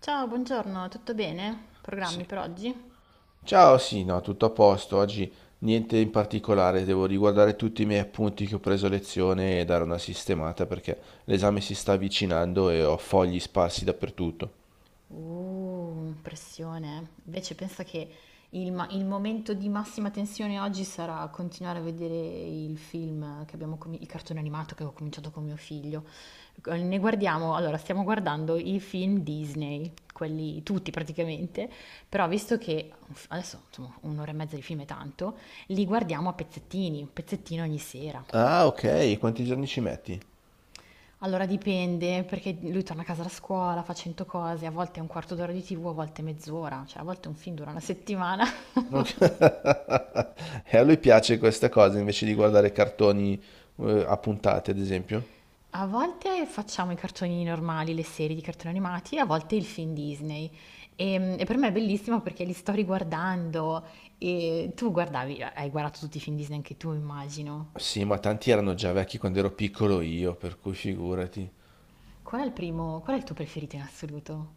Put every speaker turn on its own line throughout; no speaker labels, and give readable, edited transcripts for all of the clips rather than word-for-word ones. Ciao, buongiorno, tutto bene? Programmi
Sì.
per oggi?
Ciao, sì, no, tutto a posto. Oggi niente in particolare, devo riguardare tutti i miei appunti che ho preso a lezione e dare una sistemata perché l'esame si sta avvicinando e ho fogli sparsi dappertutto.
Pressione. Invece pensa che il momento di massima tensione oggi sarà continuare a vedere il film che abbiamo il cartone animato che ho cominciato con mio figlio. Stiamo guardando i film Disney, quelli tutti praticamente, però visto che adesso insomma, un'ora e mezza di film è tanto, li guardiamo a pezzettini, un pezzettino ogni sera.
Ah, ok, quanti giorni ci metti?
Allora dipende, perché lui torna a casa da scuola, fa 100 cose, a volte è un quarto d'ora di TV, a volte mezz'ora, cioè a volte un film dura una settimana.
Ok. E a lui piace questa cosa invece di guardare cartoni a puntate, ad esempio.
A volte facciamo i cartoni normali, le serie di cartoni animati, a volte il film Disney. E per me è bellissimo perché li sto riguardando e tu guardavi, hai guardato tutti i film Disney anche tu, immagino.
Sì, ma tanti erano già vecchi quando ero piccolo io, per cui figurati.
Qual è il primo, qual è il tuo preferito in assoluto?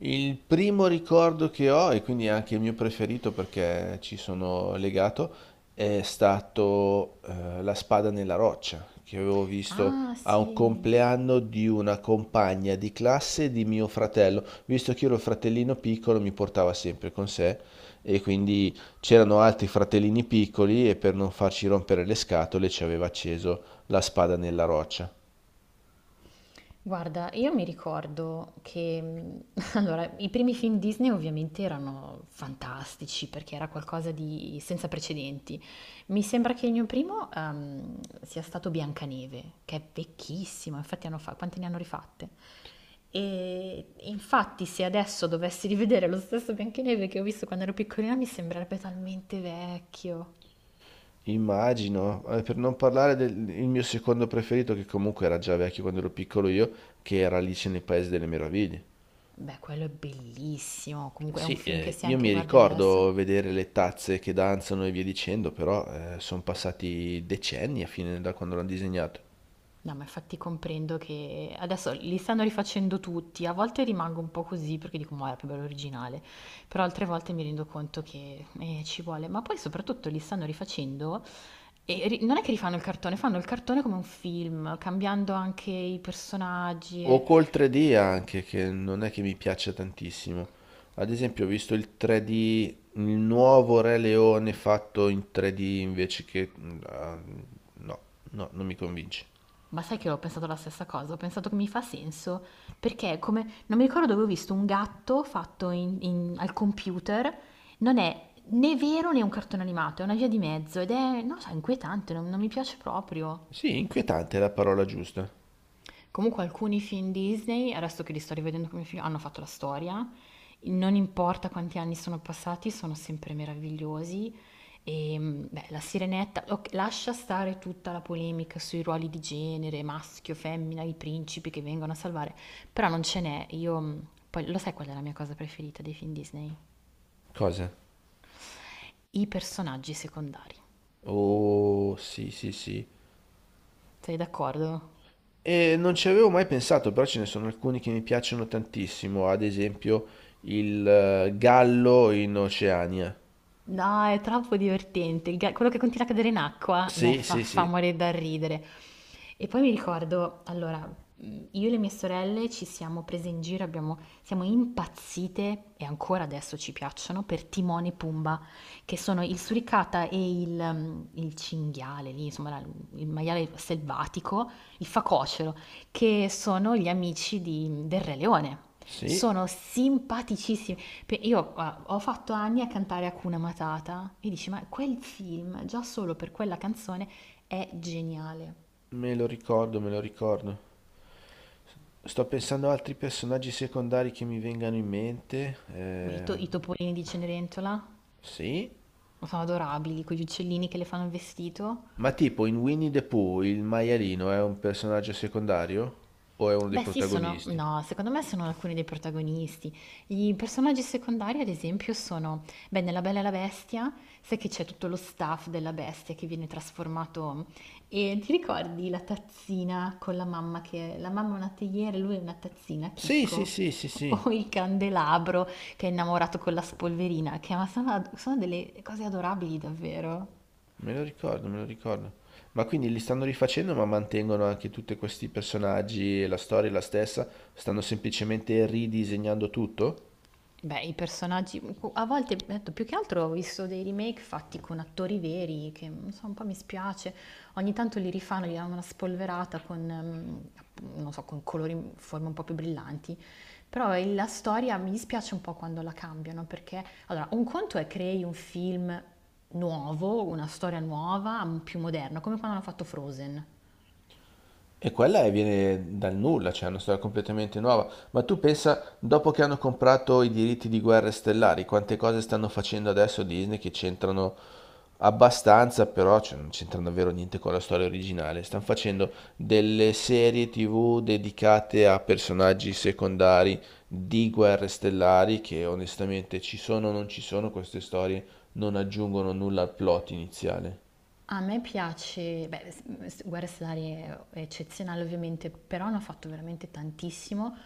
Il primo ricordo che ho, e quindi anche il mio preferito perché ci sono legato, è stato La spada nella roccia, che avevo visto
Ah,
a un
sì.
compleanno di una compagna di classe di mio fratello. Visto che io ero il fratellino piccolo, mi portava sempre con sé e quindi c'erano altri fratellini piccoli e per non farci rompere le scatole ci aveva acceso La spada nella roccia.
Guarda, io mi ricordo che, allora, i primi film Disney ovviamente erano fantastici perché era qualcosa di senza precedenti. Mi sembra che il mio primo, sia stato Biancaneve, che è vecchissimo, infatti quante ne hanno rifatte? E infatti se adesso dovessi rivedere lo stesso Biancaneve che ho visto quando ero piccolina mi sembrerebbe talmente vecchio.
Immagino, per non parlare del il mio secondo preferito, che comunque era già vecchio quando ero piccolo io, che era Alice nel Paese delle Meraviglie.
Beh, quello è bellissimo, comunque è
Sì,
un film che se
io
anche
mi
guardi adesso.
ricordo vedere le tazze che danzano e via dicendo, però sono passati decenni a fine da quando l'hanno disegnato.
No, ma infatti comprendo che adesso li stanno rifacendo tutti, a volte rimango un po' così perché dico, ma era più bello originale, però altre volte mi rendo conto che ci vuole, ma poi soprattutto li stanno rifacendo e non è che rifanno il cartone, fanno il cartone come un film, cambiando anche i personaggi, e-
O col 3D anche, che non è che mi piaccia tantissimo. Ad esempio, ho visto il 3D, il nuovo Re Leone fatto in 3D invece che... No, no, non mi convince.
Ma sai che ho pensato la stessa cosa, ho pensato che mi fa senso, perché è come, non mi ricordo dove ho visto un gatto fatto al computer, non è né vero né un cartone animato, è una via di mezzo ed è, non lo so, inquietante, non mi piace proprio.
Sì, inquietante è la parola giusta.
Comunque alcuni film Disney, adesso che li sto rivedendo come film, hanno fatto la storia. Non importa quanti anni sono passati, sono sempre meravigliosi. E beh, la Sirenetta, ok, lascia stare tutta la polemica sui ruoli di genere, maschio, femmina, i principi che vengono a salvare, però non ce n'è. Io, poi lo sai qual è la mia cosa preferita dei film Disney?
Cosa?
I personaggi secondari.
Oh, sì, sì, sì.
Sei d'accordo?
E non ci avevo mai pensato, però ce ne sono alcuni che mi piacciono tantissimo, ad esempio il gallo in Oceania.
No, è troppo divertente. Quello che continua a cadere in acqua me
Sì, sì,
fa
sì,
morire dal ridere. E poi mi ricordo, allora, io e le mie sorelle ci siamo prese in giro, siamo impazzite, e ancora adesso ci piacciono, per Timone e Pumba, che sono il suricata e il cinghiale, lì, insomma, il maiale selvatico, il facocero, che sono gli amici del Re Leone.
sì,
Sono simpaticissimi. Pe- Io guarda, ho fatto anni a cantare Hakuna Matata e dici, ma quel film, già solo per quella canzone, è geniale.
me lo ricordo, me lo ricordo. Sto pensando a altri personaggi secondari che mi vengano in mente.
Beh,
Eh,
i topolini di Cenerentola
sì,
sono adorabili, quegli uccellini che le fanno il vestito.
ma tipo in Winnie the Pooh il maialino è un personaggio secondario o è uno dei
Beh sì, sono
protagonisti?
no, secondo me sono alcuni dei protagonisti. I personaggi secondari, ad esempio, sono, beh, nella Bella e la Bestia, sai che c'è tutto lo staff della bestia che viene trasformato e ti ricordi la tazzina con la mamma che la mamma è una teiera e lui è una tazzina,
Sì, sì,
Chicco?
sì, sì, sì.
O il candelabro che è innamorato con la spolverina, che ma sono delle cose adorabili davvero.
Me lo ricordo, me lo ricordo. Ma quindi li stanno rifacendo, ma mantengono anche tutti questi personaggi e la storia è la stessa? Stanno semplicemente ridisegnando tutto?
Beh, i personaggi, a volte, ho detto, più che altro ho visto dei remake fatti con attori veri, che non so, un po' mi spiace, ogni tanto li rifanno, gli danno una spolverata con, non so, con colori, forme un po' più brillanti, però la storia mi dispiace un po' quando la cambiano, perché, allora, un conto è crei un film nuovo, una storia nuova, più moderna, come quando hanno fatto Frozen.
E quella è- viene dal nulla, cioè è una storia completamente nuova. Ma tu pensa, dopo che hanno comprato i diritti di Guerre Stellari, quante cose stanno facendo adesso Disney che c'entrano abbastanza, però cioè, non c'entrano davvero niente con la storia originale. Stanno facendo delle serie TV dedicate a personaggi secondari di Guerre Stellari che onestamente ci sono o non ci sono, queste storie non aggiungono nulla al plot iniziale.
A me piace, beh, Guerre Stellari è eccezionale ovviamente, però ne ho fatto veramente tantissimo.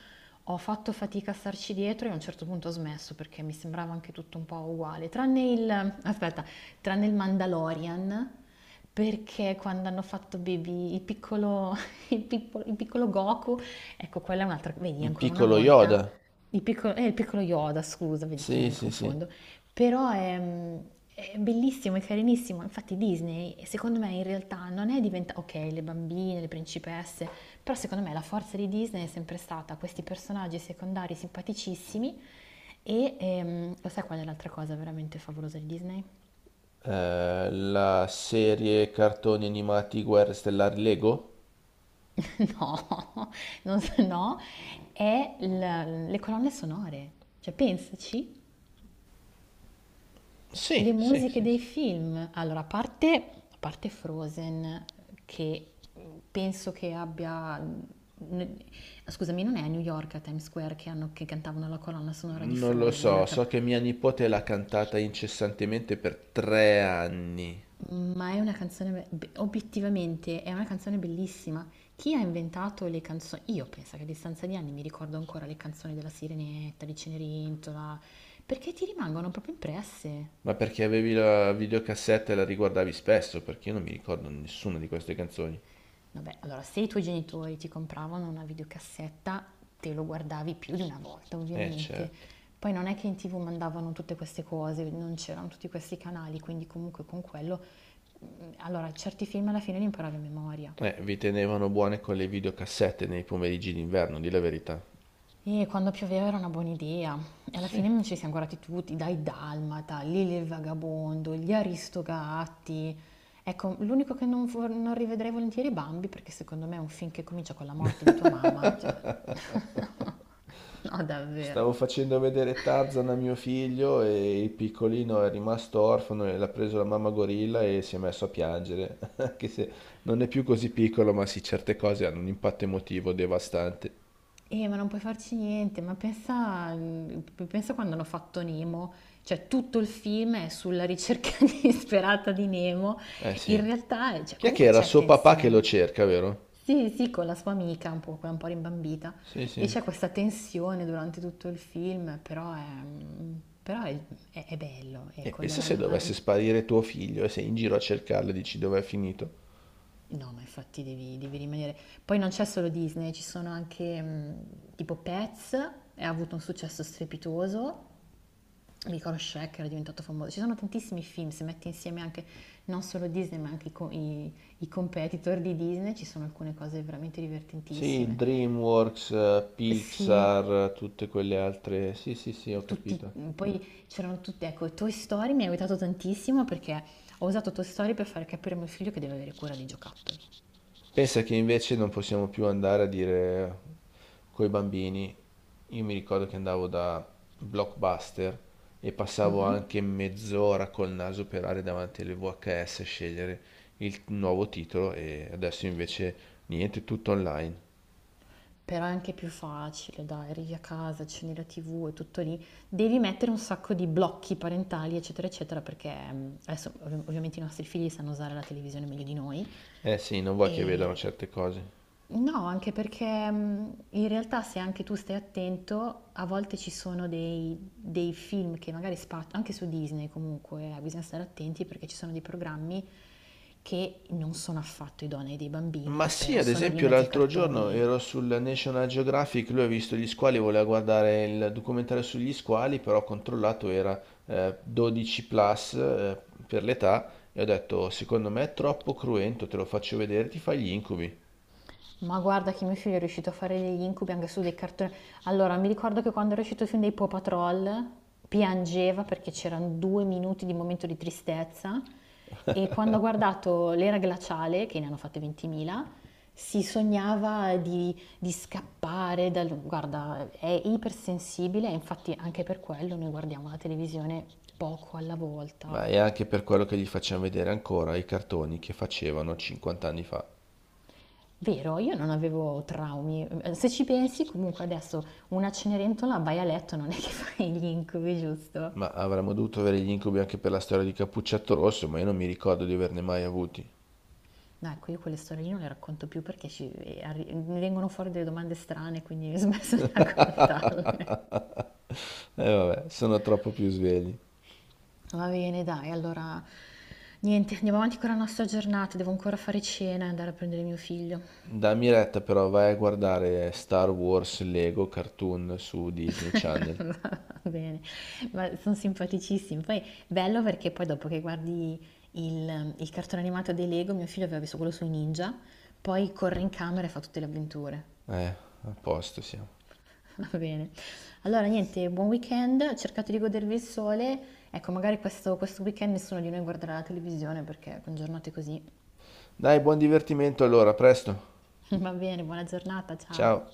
Ho fatto fatica a starci dietro e a un certo punto ho smesso perché mi sembrava anche tutto un po' uguale, tranne il, aspetta, tranne il Mandalorian, perché quando hanno fatto Baby, il piccolo, il piccolo Goku, ecco, quella è un'altra, vedi,
Il
ancora una
piccolo
volta,
Yoda.
il piccolo Yoda, scusa, vedi che io
Sì,
mi
sì, sì.
confondo. Però è bellissimo, è carinissimo. Infatti Disney, secondo me, in realtà non è diventata... Ok, le bambine, le principesse, però secondo me la forza di Disney è sempre stata questi personaggi secondari simpaticissimi e lo sai qual è l'altra cosa veramente favolosa di Disney?
La serie cartoni animati Guerre Stellari Lego?
No, non so, no, è le colonne sonore. Cioè, pensaci. Le
Sì, sì,
musiche
sì,
dei
sì.
film, allora a parte Frozen che penso che scusami, non è a New York a Times Square che cantavano la colonna sonora di
Non lo
Frozen, a
so, so
cap-
che mia nipote l'ha cantata incessantemente per 3 anni.
ma è una canzone obiettivamente è una canzone bellissima. Chi ha inventato le canzoni? Io penso che a distanza di anni mi ricordo ancora le canzoni della Sirenetta, di Cenerentola, perché ti rimangono proprio impresse.
Ma perché avevi la videocassetta e la riguardavi spesso? Perché io non mi ricordo nessuna di queste canzoni.
Vabbè, allora se i tuoi genitori ti compravano una videocassetta, te lo guardavi più di una volta, ovviamente.
Certo.
Poi non è che in TV mandavano tutte queste cose, non c'erano tutti questi canali, quindi comunque con quello allora, certi film alla fine li imparavo a memoria.
Vi tenevano buone con le videocassette nei pomeriggi d'inverno, di la verità.
E quando pioveva era una buona idea. E alla
Sì.
fine ci siamo guardati tutti, dai Dalmata, Lili il Vagabondo, gli Aristogatti. Ecco, l'unico che non rivedrei volentieri è Bambi, perché secondo me è un film che comincia con la morte di tua mamma, cioè... No, davvero.
Stavo facendo vedere Tarzan a mio figlio e il piccolino è rimasto orfano e l'ha preso la mamma gorilla e si è messo a piangere, anche se non è più così piccolo, ma sì, certe cose hanno un impatto emotivo devastante.
Ma non puoi farci niente, ma pensa, pensa quando hanno fatto Nemo, cioè tutto il film è sulla ricerca disperata di Nemo,
Eh
in
sì.
realtà cioè,
Chi è che
comunque
era
c'è
suo papà che lo
tensione.
cerca, vero?
Sì, sì, con la sua amica, un po', quella un po' rimbambita,
Sì,
e
sì.
c'è questa tensione durante tutto il film, però è, però è- è bello,
E
ecco,
pensa se dovesse sparire tuo figlio e sei in giro a cercarlo e dici dov'è finito.
No, ma infatti devi rimanere. Poi non c'è solo Disney, ci sono anche tipo Pets, e ha avuto un successo strepitoso. Mi ricordo Shrek era diventato famoso. Ci sono tantissimi film, se metti insieme anche non solo Disney, ma anche i competitor di Disney, ci sono alcune cose veramente
Sì,
divertentissime.
DreamWorks,
Sì,
Pixar, tutte quelle altre. Sì, sì, sì, ho
tutti,
capito.
poi c'erano tutti, ecco, Toy Story mi ha aiutato tantissimo perché ho usato Toy Story per far capire a mio figlio che deve avere cura dei giocattoli.
Pensa che invece non possiamo più andare a dire coi bambini. Io mi ricordo che andavo da Blockbuster e passavo
Mhm.
anche mezz'ora col naso per andare davanti alle VHS a scegliere il nuovo titolo e adesso invece niente, tutto online.
Però è anche più facile, dai, arrivi a casa, accendi la TV, è tutto lì. Devi mettere un sacco di blocchi parentali, eccetera, eccetera, perché adesso ovviamente i nostri figli sanno usare la televisione meglio di noi.
Eh sì, non vuoi che vedano
E
certe cose.
no, anche perché in realtà se anche tu stai attento, a volte ci sono dei film che magari spaziano, anche su Disney comunque, bisogna stare attenti perché ci sono dei programmi che non sono affatto idonei dei
Ma
bambini,
sì,
però
ad
sono lì in
esempio
mezzo ai
l'altro giorno
cartoni.
ero sul National Geographic, lui ha visto gli squali, voleva guardare il documentario sugli squali, però ho controllato era 12 plus per l'età e ho detto, secondo me è troppo cruento, te lo faccio vedere, ti fai gli incubi.
Ma guarda che mio figlio è riuscito a fare degli incubi anche su dei cartoni. Allora, mi ricordo che quando era uscito il film dei Paw Patrol piangeva perché c'erano due minuti di momento di tristezza e quando ha guardato l'era glaciale, che ne hanno fatte 20.000, si sognava di scappare dal... Guarda, è ipersensibile e infatti anche per quello noi guardiamo la televisione poco alla volta.
Ma è anche per quello che gli facciamo vedere ancora i cartoni che facevano 50 anni fa.
Vero, io non avevo traumi. Se ci pensi, comunque adesso una Cenerentola vai a letto, non è che fai gli incubi, giusto?
Ma avremmo dovuto avere gli incubi anche per la storia di Cappuccetto Rosso, ma io non mi ricordo di averne mai avuti.
No, ecco, io quelle storie lì non le racconto più perché mi vengono fuori delle domande strane, quindi ho smesso di raccontarle.
E vabbè, sono troppo più svegli.
Va bene, dai, allora niente, andiamo avanti con la nostra giornata. Devo ancora fare cena e andare a prendere mio figlio.
Dammi retta però, vai a guardare Star Wars Lego Cartoon su Disney Channel.
Va bene, ma sono simpaticissimi. Poi bello perché poi dopo che guardi il cartone animato dei Lego, mio figlio aveva visto quello sui ninja, poi corre in camera e fa tutte le avventure.
A posto siamo.
Va bene. Allora, niente, buon weekend, cercate di godervi il sole. Ecco, magari questo weekend nessuno di noi guarderà la televisione perché con giornate così.
Dai, buon divertimento allora, a presto.
Va bene, buona giornata, ciao.
Ciao.